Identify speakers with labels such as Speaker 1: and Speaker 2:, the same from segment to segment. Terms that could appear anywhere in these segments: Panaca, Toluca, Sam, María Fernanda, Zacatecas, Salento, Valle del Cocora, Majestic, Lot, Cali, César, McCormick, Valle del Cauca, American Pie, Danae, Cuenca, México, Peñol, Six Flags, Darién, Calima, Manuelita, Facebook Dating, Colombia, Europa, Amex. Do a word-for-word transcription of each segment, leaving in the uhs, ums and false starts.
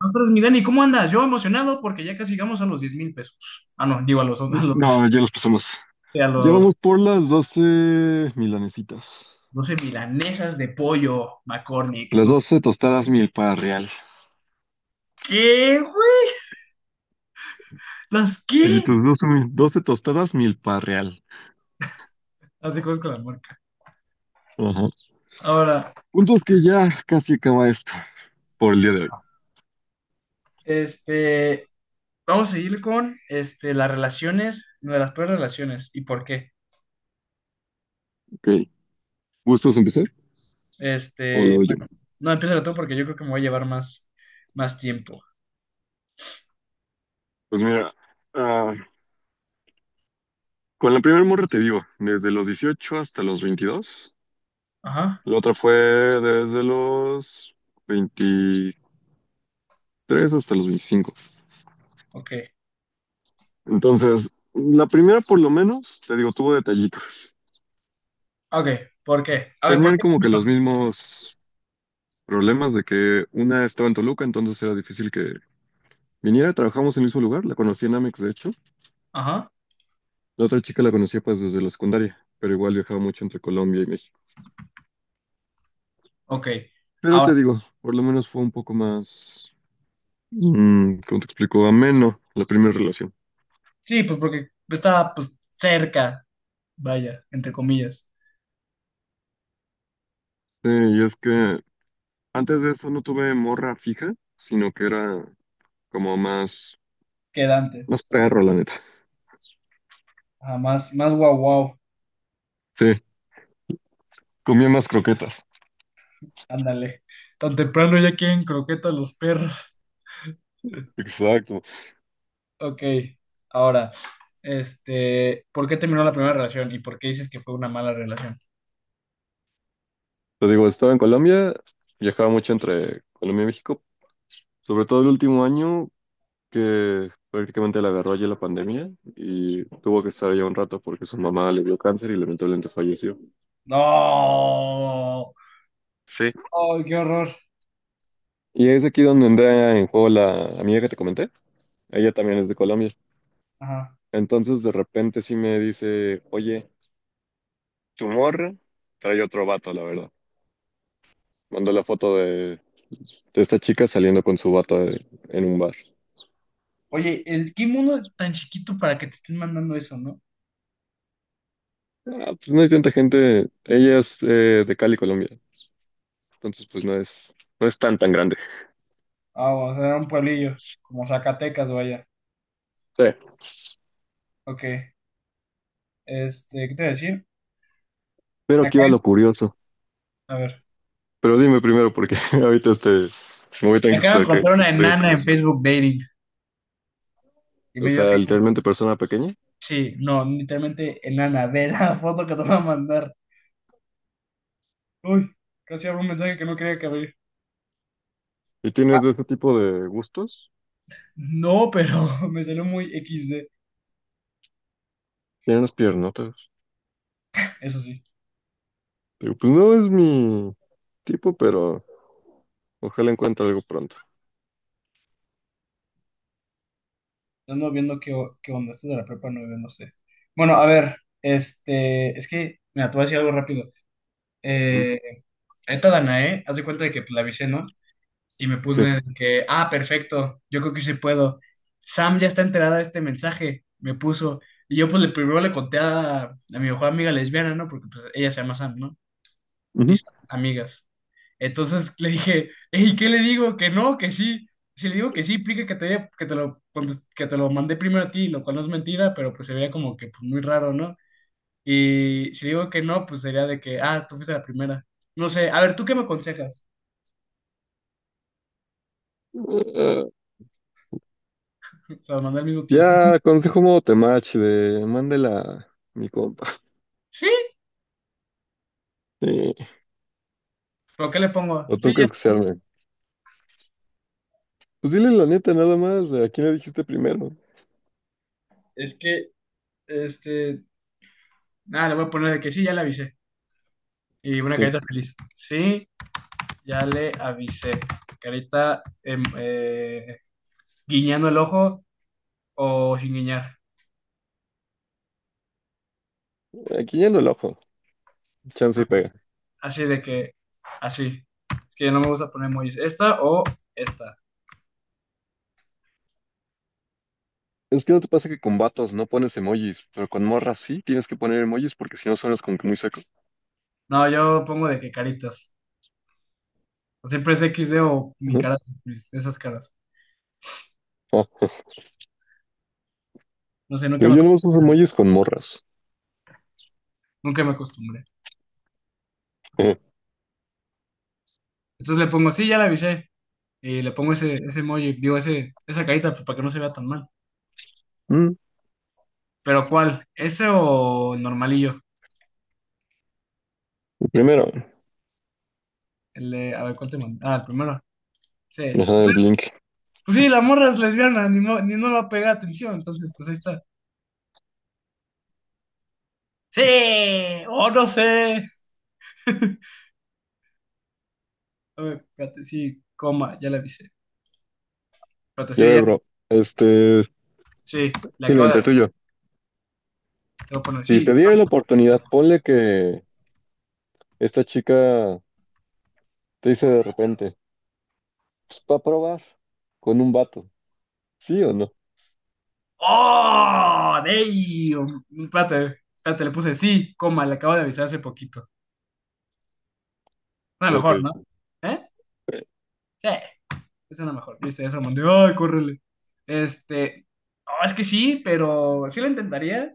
Speaker 1: Nosotros, mi Dani, ¿cómo andas? Yo emocionado porque ya casi llegamos a los diez mil pesos. Ah, no, digo a los, a los,
Speaker 2: No, ya las pasamos.
Speaker 1: sí, a
Speaker 2: Ya
Speaker 1: los,
Speaker 2: vamos por las doce milanesitas.
Speaker 1: no sé, milanesas de pollo, McCormick.
Speaker 2: Las
Speaker 1: No, sé.
Speaker 2: doce tostadas milpa real.
Speaker 1: ¿Qué, güey? ¿Las
Speaker 2: Y
Speaker 1: qué?
Speaker 2: tus doce, mil- doce tostadas milpa real.
Speaker 1: Las de con la marca.
Speaker 2: Ajá.
Speaker 1: Ahora,
Speaker 2: Puntos que ya casi acaba esto por el día de hoy.
Speaker 1: este, vamos a seguir con, este, las relaciones, de las peores relaciones y por qué.
Speaker 2: Ok. ¿Gustos empezar o lo
Speaker 1: Este,
Speaker 2: doy yo?
Speaker 1: bueno, no, empieza tú porque yo creo que me voy a llevar más, más tiempo.
Speaker 2: Pues mira, ah, con la primera morra te digo, desde los dieciocho hasta los veintidós.
Speaker 1: Ajá,
Speaker 2: La otra fue desde los veintitrés hasta los veinticinco.
Speaker 1: ok.
Speaker 2: Entonces, la primera por lo menos, te digo, tuvo detallitos.
Speaker 1: Ok, ¿por qué? A ver, ¿por
Speaker 2: Tenían
Speaker 1: qué?
Speaker 2: como que los mismos problemas de que una estaba en Toluca, entonces era difícil que viniera. Trabajamos en el mismo lugar, la conocí en Amex, de hecho.
Speaker 1: Ajá,
Speaker 2: La otra chica la conocía pues desde la secundaria, pero igual viajaba mucho entre Colombia y México.
Speaker 1: ok.
Speaker 2: Pero
Speaker 1: Ahora,
Speaker 2: te digo, por lo menos fue un poco más, mm, ¿cómo te explico? Ameno la primera relación.
Speaker 1: sí, pues porque estaba pues cerca, vaya, entre comillas,
Speaker 2: Sí, y es que antes de eso no tuve morra fija, sino que era como más,
Speaker 1: que Dante.
Speaker 2: más perro, la neta.
Speaker 1: Ajá, más, más guau guau,
Speaker 2: Sí, comía más croquetas.
Speaker 1: ándale. Tan temprano ya quieren croquetas los perros.
Speaker 2: Exacto.
Speaker 1: Ok, ahora, este, ¿por qué terminó la primera relación y por qué dices que fue una mala relación?
Speaker 2: Te digo, estaba en Colombia, viajaba mucho entre Colombia y México, sobre todo el último año que prácticamente la agarró allí la pandemia y tuvo que estar allá un rato porque su mamá le dio cáncer y lamentablemente falleció.
Speaker 1: No,
Speaker 2: Sí.
Speaker 1: ¡ay, qué horror!
Speaker 2: Y es aquí donde entra en juego la amiga que te comenté. Ella también es de Colombia.
Speaker 1: Ajá.
Speaker 2: Entonces de repente sí me dice, oye, tu morra trae otro vato, la verdad. Mandó la foto de, de esta chica saliendo con su vato en en un bar.
Speaker 1: Oye, el, ¿qué mundo tan chiquito para que te estén mandando eso, no?
Speaker 2: Ah, pues no hay tanta gente. Ella es eh, de Cali, Colombia. Entonces, pues no es, no es tan, tan grande.
Speaker 1: Ah, vamos a era un pueblillo, como Zacatecas, vaya.
Speaker 2: Sí.
Speaker 1: Ok, este, ¿qué te voy a decir?
Speaker 2: Pero aquí
Speaker 1: Acá,
Speaker 2: va lo curioso.
Speaker 1: a ver.
Speaker 2: Pero dime primero, porque ahorita este, me voy a
Speaker 1: Me
Speaker 2: tener que
Speaker 1: acabo de
Speaker 2: explicar,
Speaker 1: encontrar una
Speaker 2: explicar un
Speaker 1: enana
Speaker 2: poco
Speaker 1: en
Speaker 2: eso.
Speaker 1: Facebook Dating y
Speaker 2: O
Speaker 1: me dio
Speaker 2: sea,
Speaker 1: risa.
Speaker 2: literalmente persona pequeña.
Speaker 1: Sí, no, literalmente enana, ve la foto que te voy a mandar. Uy, casi abro un mensaje que no quería que abrir.
Speaker 2: Y
Speaker 1: Ah,
Speaker 2: tienes de ese tipo de gustos.
Speaker 1: no, pero me salió muy equis de.
Speaker 2: Tiene unas piernotas.
Speaker 1: Eso sí,
Speaker 2: Pero pues no es mi tipo, pero ojalá encuentre algo pronto.
Speaker 1: ando viendo qué, o- qué onda. Esto de la prepa nueve, no sé. Bueno, a ver, este, es que, mira, te voy a decir algo rápido.
Speaker 2: Mm.
Speaker 1: Eh, esta Danae, haz de cuenta de que pues, la avisé, ¿no? Y me puse
Speaker 2: Sí.
Speaker 1: de que, ah, perfecto, yo creo que sí puedo. Sam ya está enterada de este mensaje, me puso. Y yo pues le primero le conté a, a mi mejor amiga lesbiana, ¿no? Porque pues ella se llama Sam, ¿no? Y
Speaker 2: Ujú.
Speaker 1: son amigas. Entonces le dije, ¿y ¿qué le digo? Que no, que sí. Si le digo que sí, implica que te, que te lo, contes- que te lo mandé primero a ti, lo cual no es mentira, pero pues sería como que pues, muy raro, ¿no? Y si le digo que no, pues sería de que, ah, tú fuiste la primera. No sé, a ver, ¿tú qué me aconsejas?
Speaker 2: Eh,
Speaker 1: Se lo mandé al mismo
Speaker 2: ya,
Speaker 1: tiempo.
Speaker 2: consejo modo temach de mándela a mi compa.
Speaker 1: Sí.
Speaker 2: Sí.
Speaker 1: ¿Pero qué le pongo?
Speaker 2: ¿O
Speaker 1: Sí,
Speaker 2: tú
Speaker 1: ya.
Speaker 2: crees que se arme? Pues dile la neta nada más, ¿a quién le dijiste primero?
Speaker 1: Es que, este, nada, le voy a poner de que sí, ya le avisé. Y una
Speaker 2: Sí.
Speaker 1: carita feliz. Sí, ya le avisé. Carita em, eh, guiñando el ojo o sin guiñar.
Speaker 2: Aquí yendo el ojo, chance y pega.
Speaker 1: Así de que, así. Es que no me gusta poner emojis. ¿Esta o esta?
Speaker 2: ¿Es que no te pasa que con vatos no pones emojis, pero con morras sí tienes que poner emojis porque si no suenas como que muy seco?
Speaker 1: No, yo pongo de que caritas. Siempre es equis de o mi
Speaker 2: Ujú.
Speaker 1: cara, pues, esas caras.
Speaker 2: Ah,
Speaker 1: No sé, nunca
Speaker 2: yo,
Speaker 1: me
Speaker 2: yo no uso
Speaker 1: acostumbré.
Speaker 2: emojis con morras.
Speaker 1: Nunca me acostumbré.
Speaker 2: Eh,
Speaker 1: Entonces le pongo, sí, ya le avisé. Y le pongo ese, ese emoji, digo, ese, esa carita pues, para que no se vea tan mal.
Speaker 2: mm,
Speaker 1: Pero ¿cuál? ¿Ese o normalillo?
Speaker 2: primero,
Speaker 1: El de- a ver, ¿cuál te mandé? Ah, el primero. Sí.
Speaker 2: ajá, el
Speaker 1: Pues, eh,
Speaker 2: blink.
Speaker 1: pues sí, la morra es lesbiana, ni, mo- ni no le va a pegar atención, entonces pues ahí está. Sí, o no sé. A ver, espérate, sí, coma, ya le avisé. Espérate,
Speaker 2: Y a
Speaker 1: sí,
Speaker 2: ver,
Speaker 1: ya,
Speaker 2: bro, este,
Speaker 1: sí, le acabo de
Speaker 2: cliente
Speaker 1: avisar.
Speaker 2: tuyo,
Speaker 1: Te voy a poner
Speaker 2: si
Speaker 1: sí.
Speaker 2: te diera la oportunidad, ponle que esta chica te dice de repente, pues para probar con un vato, ¿sí o no?
Speaker 1: ¡Oh! ¡Damn! Espérate, espérate, le puse sí, coma, le acabo de avisar hace poquito. No, mejor,
Speaker 2: Ok.
Speaker 1: ¿no? ¿Eh? Sí. Esa es la mejor. Viste, esa mandé. ¡Ay, córrele! Este. No, es que sí, pero sí lo intentaría.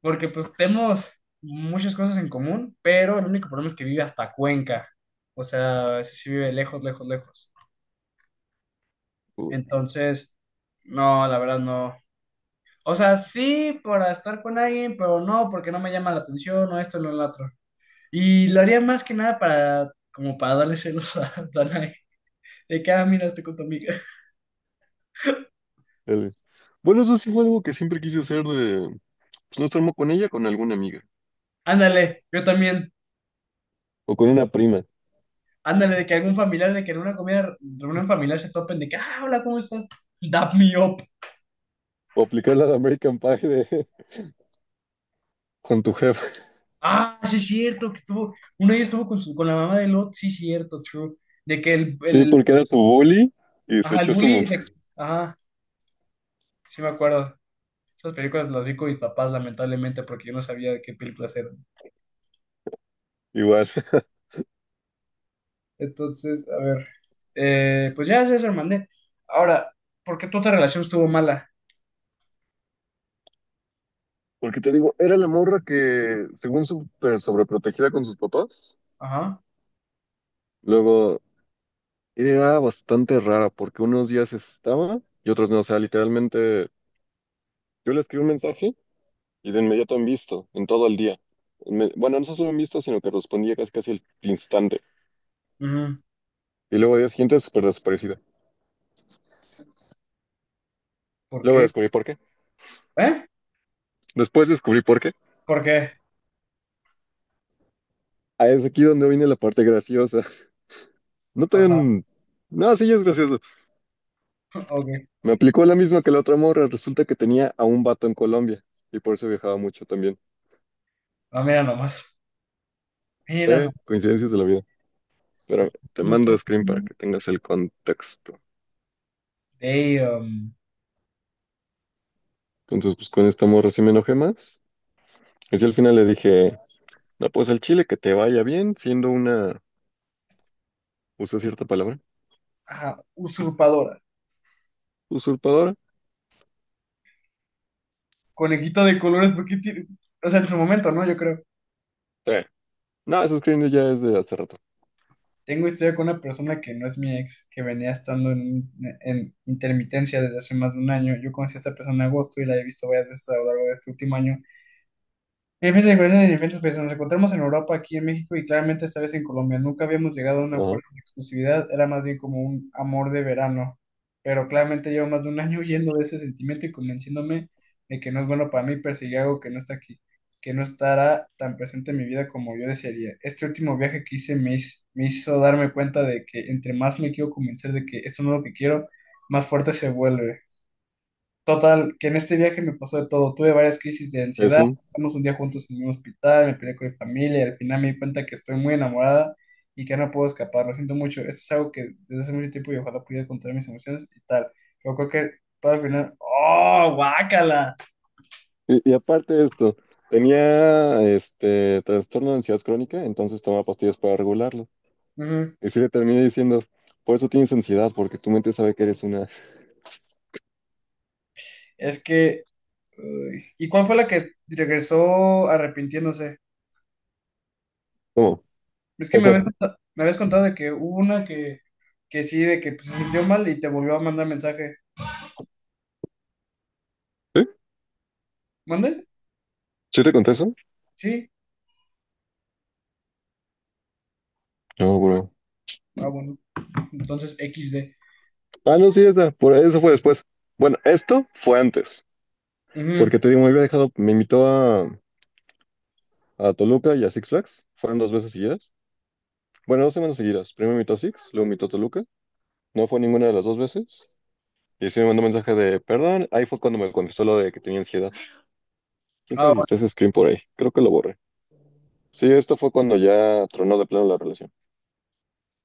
Speaker 1: Porque pues tenemos muchas cosas en común. Pero el único problema es que vive hasta Cuenca. O sea, ese sí vive lejos, lejos, lejos.
Speaker 2: Uh,
Speaker 1: Entonces, no, la verdad no. O sea, sí para estar con alguien, pero no porque no me llama la atención o esto o lo otro. Y lo haría más que nada para, como para darle celos a Danae. De que, ah, mira, estoy con tu amiga.
Speaker 2: dale. Bueno, eso sí fue algo que siempre quise hacer de, pues no estar mo- con ella, con alguna amiga,
Speaker 1: Ándale, yo también.
Speaker 2: o con una prima,
Speaker 1: Ándale, de que algún familiar, de que en una comida, reunión familiar se topen, de que, ah, hola, ¿cómo estás? Dap me up.
Speaker 2: o aplicar la de American Pie de, con tu jefa.
Speaker 1: Ah, sí es cierto, que estuvo, uno de ellos estuvo con, su, con la mamá de Lot, sí es cierto, true. De que el,
Speaker 2: Sí,
Speaker 1: el,
Speaker 2: porque era su bully y se
Speaker 1: ajá, el
Speaker 2: echó su
Speaker 1: bully,
Speaker 2: mamá.
Speaker 1: se- ajá, sí me acuerdo. Esas películas las vi con mis papás, lamentablemente, porque yo no sabía de qué películas eran.
Speaker 2: Igual.
Speaker 1: Entonces, a ver, eh, pues ya, César, mandé. Ahora, ¿por qué tu otra relación estuvo mala?
Speaker 2: Porque te digo, era la morra que, según súper sobreprotegida con sus papás,
Speaker 1: Ajá,
Speaker 2: luego era bastante rara, porque unos días estaba y otros no. O sea, literalmente, yo le escribí un mensaje y de inmediato han visto, en todo el día. Me- bueno, no solo han visto, sino que respondía casi casi al instante.
Speaker 1: ujú,
Speaker 2: Y luego al día siguiente, súper desaparecida.
Speaker 1: ¿por
Speaker 2: Luego
Speaker 1: qué?
Speaker 2: descubrí por qué.
Speaker 1: ¿Eh?
Speaker 2: Después descubrí por qué.
Speaker 1: ¿Por qué?
Speaker 2: Ah, es aquí donde viene la parte graciosa. No
Speaker 1: Ajá,
Speaker 2: tan... No, sí, es gracioso.
Speaker 1: ok,
Speaker 2: Me aplicó la misma que la otra morra. Resulta que tenía a un vato en Colombia y por eso viajaba mucho también.
Speaker 1: ah, mira nomás.
Speaker 2: Sí,
Speaker 1: Era una
Speaker 2: coincidencias de la vida. Pero te
Speaker 1: blusa
Speaker 2: mando screen para que tengas el contexto.
Speaker 1: de um,
Speaker 2: Entonces, pues con esta morra sí me enojé más. Y sí, al final le dije, no, pues al Chile que te vaya bien, siendo una, usé cierta palabra,
Speaker 1: ajá, usurpadora.
Speaker 2: usurpadora.
Speaker 1: Conejito de colores, porque tiene. O sea, en su momento, ¿no? Yo creo.
Speaker 2: Sí. No, ese screen ya es de hace rato.
Speaker 1: Tengo historia con una persona que no es mi ex, que venía estando en, en intermitencia desde hace más de un año. Yo conocí a esta persona en agosto y la he visto varias veces a lo largo de este último año. Hay diferentes diferencias en diferentes países. Nos encontramos en Europa, aquí en México y claramente esta vez en Colombia. Nunca habíamos llegado a un
Speaker 2: Ajá.
Speaker 1: acuerdo de exclusividad, era más bien como un amor de verano. Pero claramente llevo más de un año huyendo de ese sentimiento y convenciéndome de que no es bueno para mí perseguir algo que no está aquí, que no estará tan presente en mi vida como yo desearía. Este último viaje que hice me hiz- me hizo darme cuenta de que entre más me quiero convencer de que esto no es lo que quiero, más fuerte se vuelve. Total, que en este viaje me pasó de todo. Tuve varias crisis de ansiedad.
Speaker 2: Eso.
Speaker 1: Estamos un día juntos en un hospital, me peleé con mi familia y al final me di cuenta que estoy muy enamorada y que no puedo escapar. Lo siento mucho. Esto es algo que desde hace mucho tiempo y ojalá pudiera contar mis emociones y tal. Pero creo que todo al final. ¡Oh, guácala!
Speaker 2: Y, y aparte de esto, tenía este trastorno de ansiedad crónica, entonces tomaba pastillas para regularlo.
Speaker 1: Ujú.
Speaker 2: Y sí le terminé diciendo, por eso tienes ansiedad, porque tu mente sabe que eres una...
Speaker 1: Es que. Uy. ¿Y cuál fue la que regresó arrepintiéndose?
Speaker 2: ¿Cómo?
Speaker 1: Es que me
Speaker 2: ¿Esa?
Speaker 1: habías, conta- me habías contado de que hubo una que, que sí, de que pues, se sintió mal y te volvió a mandar mensaje.
Speaker 2: ¿Sí?
Speaker 1: ¿Mande?
Speaker 2: ¿Sí te conté eso?
Speaker 1: Sí.
Speaker 2: No, bro.
Speaker 1: Ah, bueno. Entonces, equis de.
Speaker 2: Ah, no, sí, esa. Por eso fue después. Bueno, esto fue antes.
Speaker 1: Ujú.
Speaker 2: Porque te digo, me había dejado, me invitó a, a Toluca y a Six Flags. Fueron dos veces seguidas. Bueno, dos semanas seguidas. Primero me invitó a Six, luego me invitó a Toluca. No fue ninguna de las dos veces. Y sí me mandó mensaje de perdón. Ahí fue cuando me confesó lo de que tenía ansiedad. Quién
Speaker 1: Ah,
Speaker 2: sabe si está
Speaker 1: bueno.
Speaker 2: ese screen por ahí. Creo que lo borré. Sí, esto fue cuando ya tronó de plano la relación.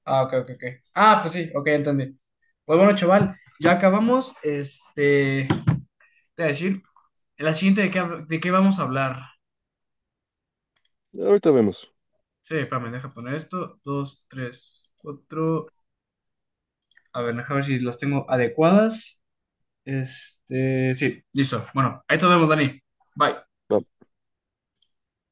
Speaker 1: Ah, ok, ok, ok. Ah, pues sí, ok, entendí. Pues bueno, chaval, ya acabamos. Este, te voy a decir, en la siguiente de qué, hab- de qué vamos a hablar.
Speaker 2: Ahorita vemos.
Speaker 1: Sí, espérame, deja poner esto. Dos, tres, cuatro. A ver, deja ver si las tengo adecuadas. Este, sí, listo. Bueno, ahí te vemos, Dani. Bye.
Speaker 2: Vamos.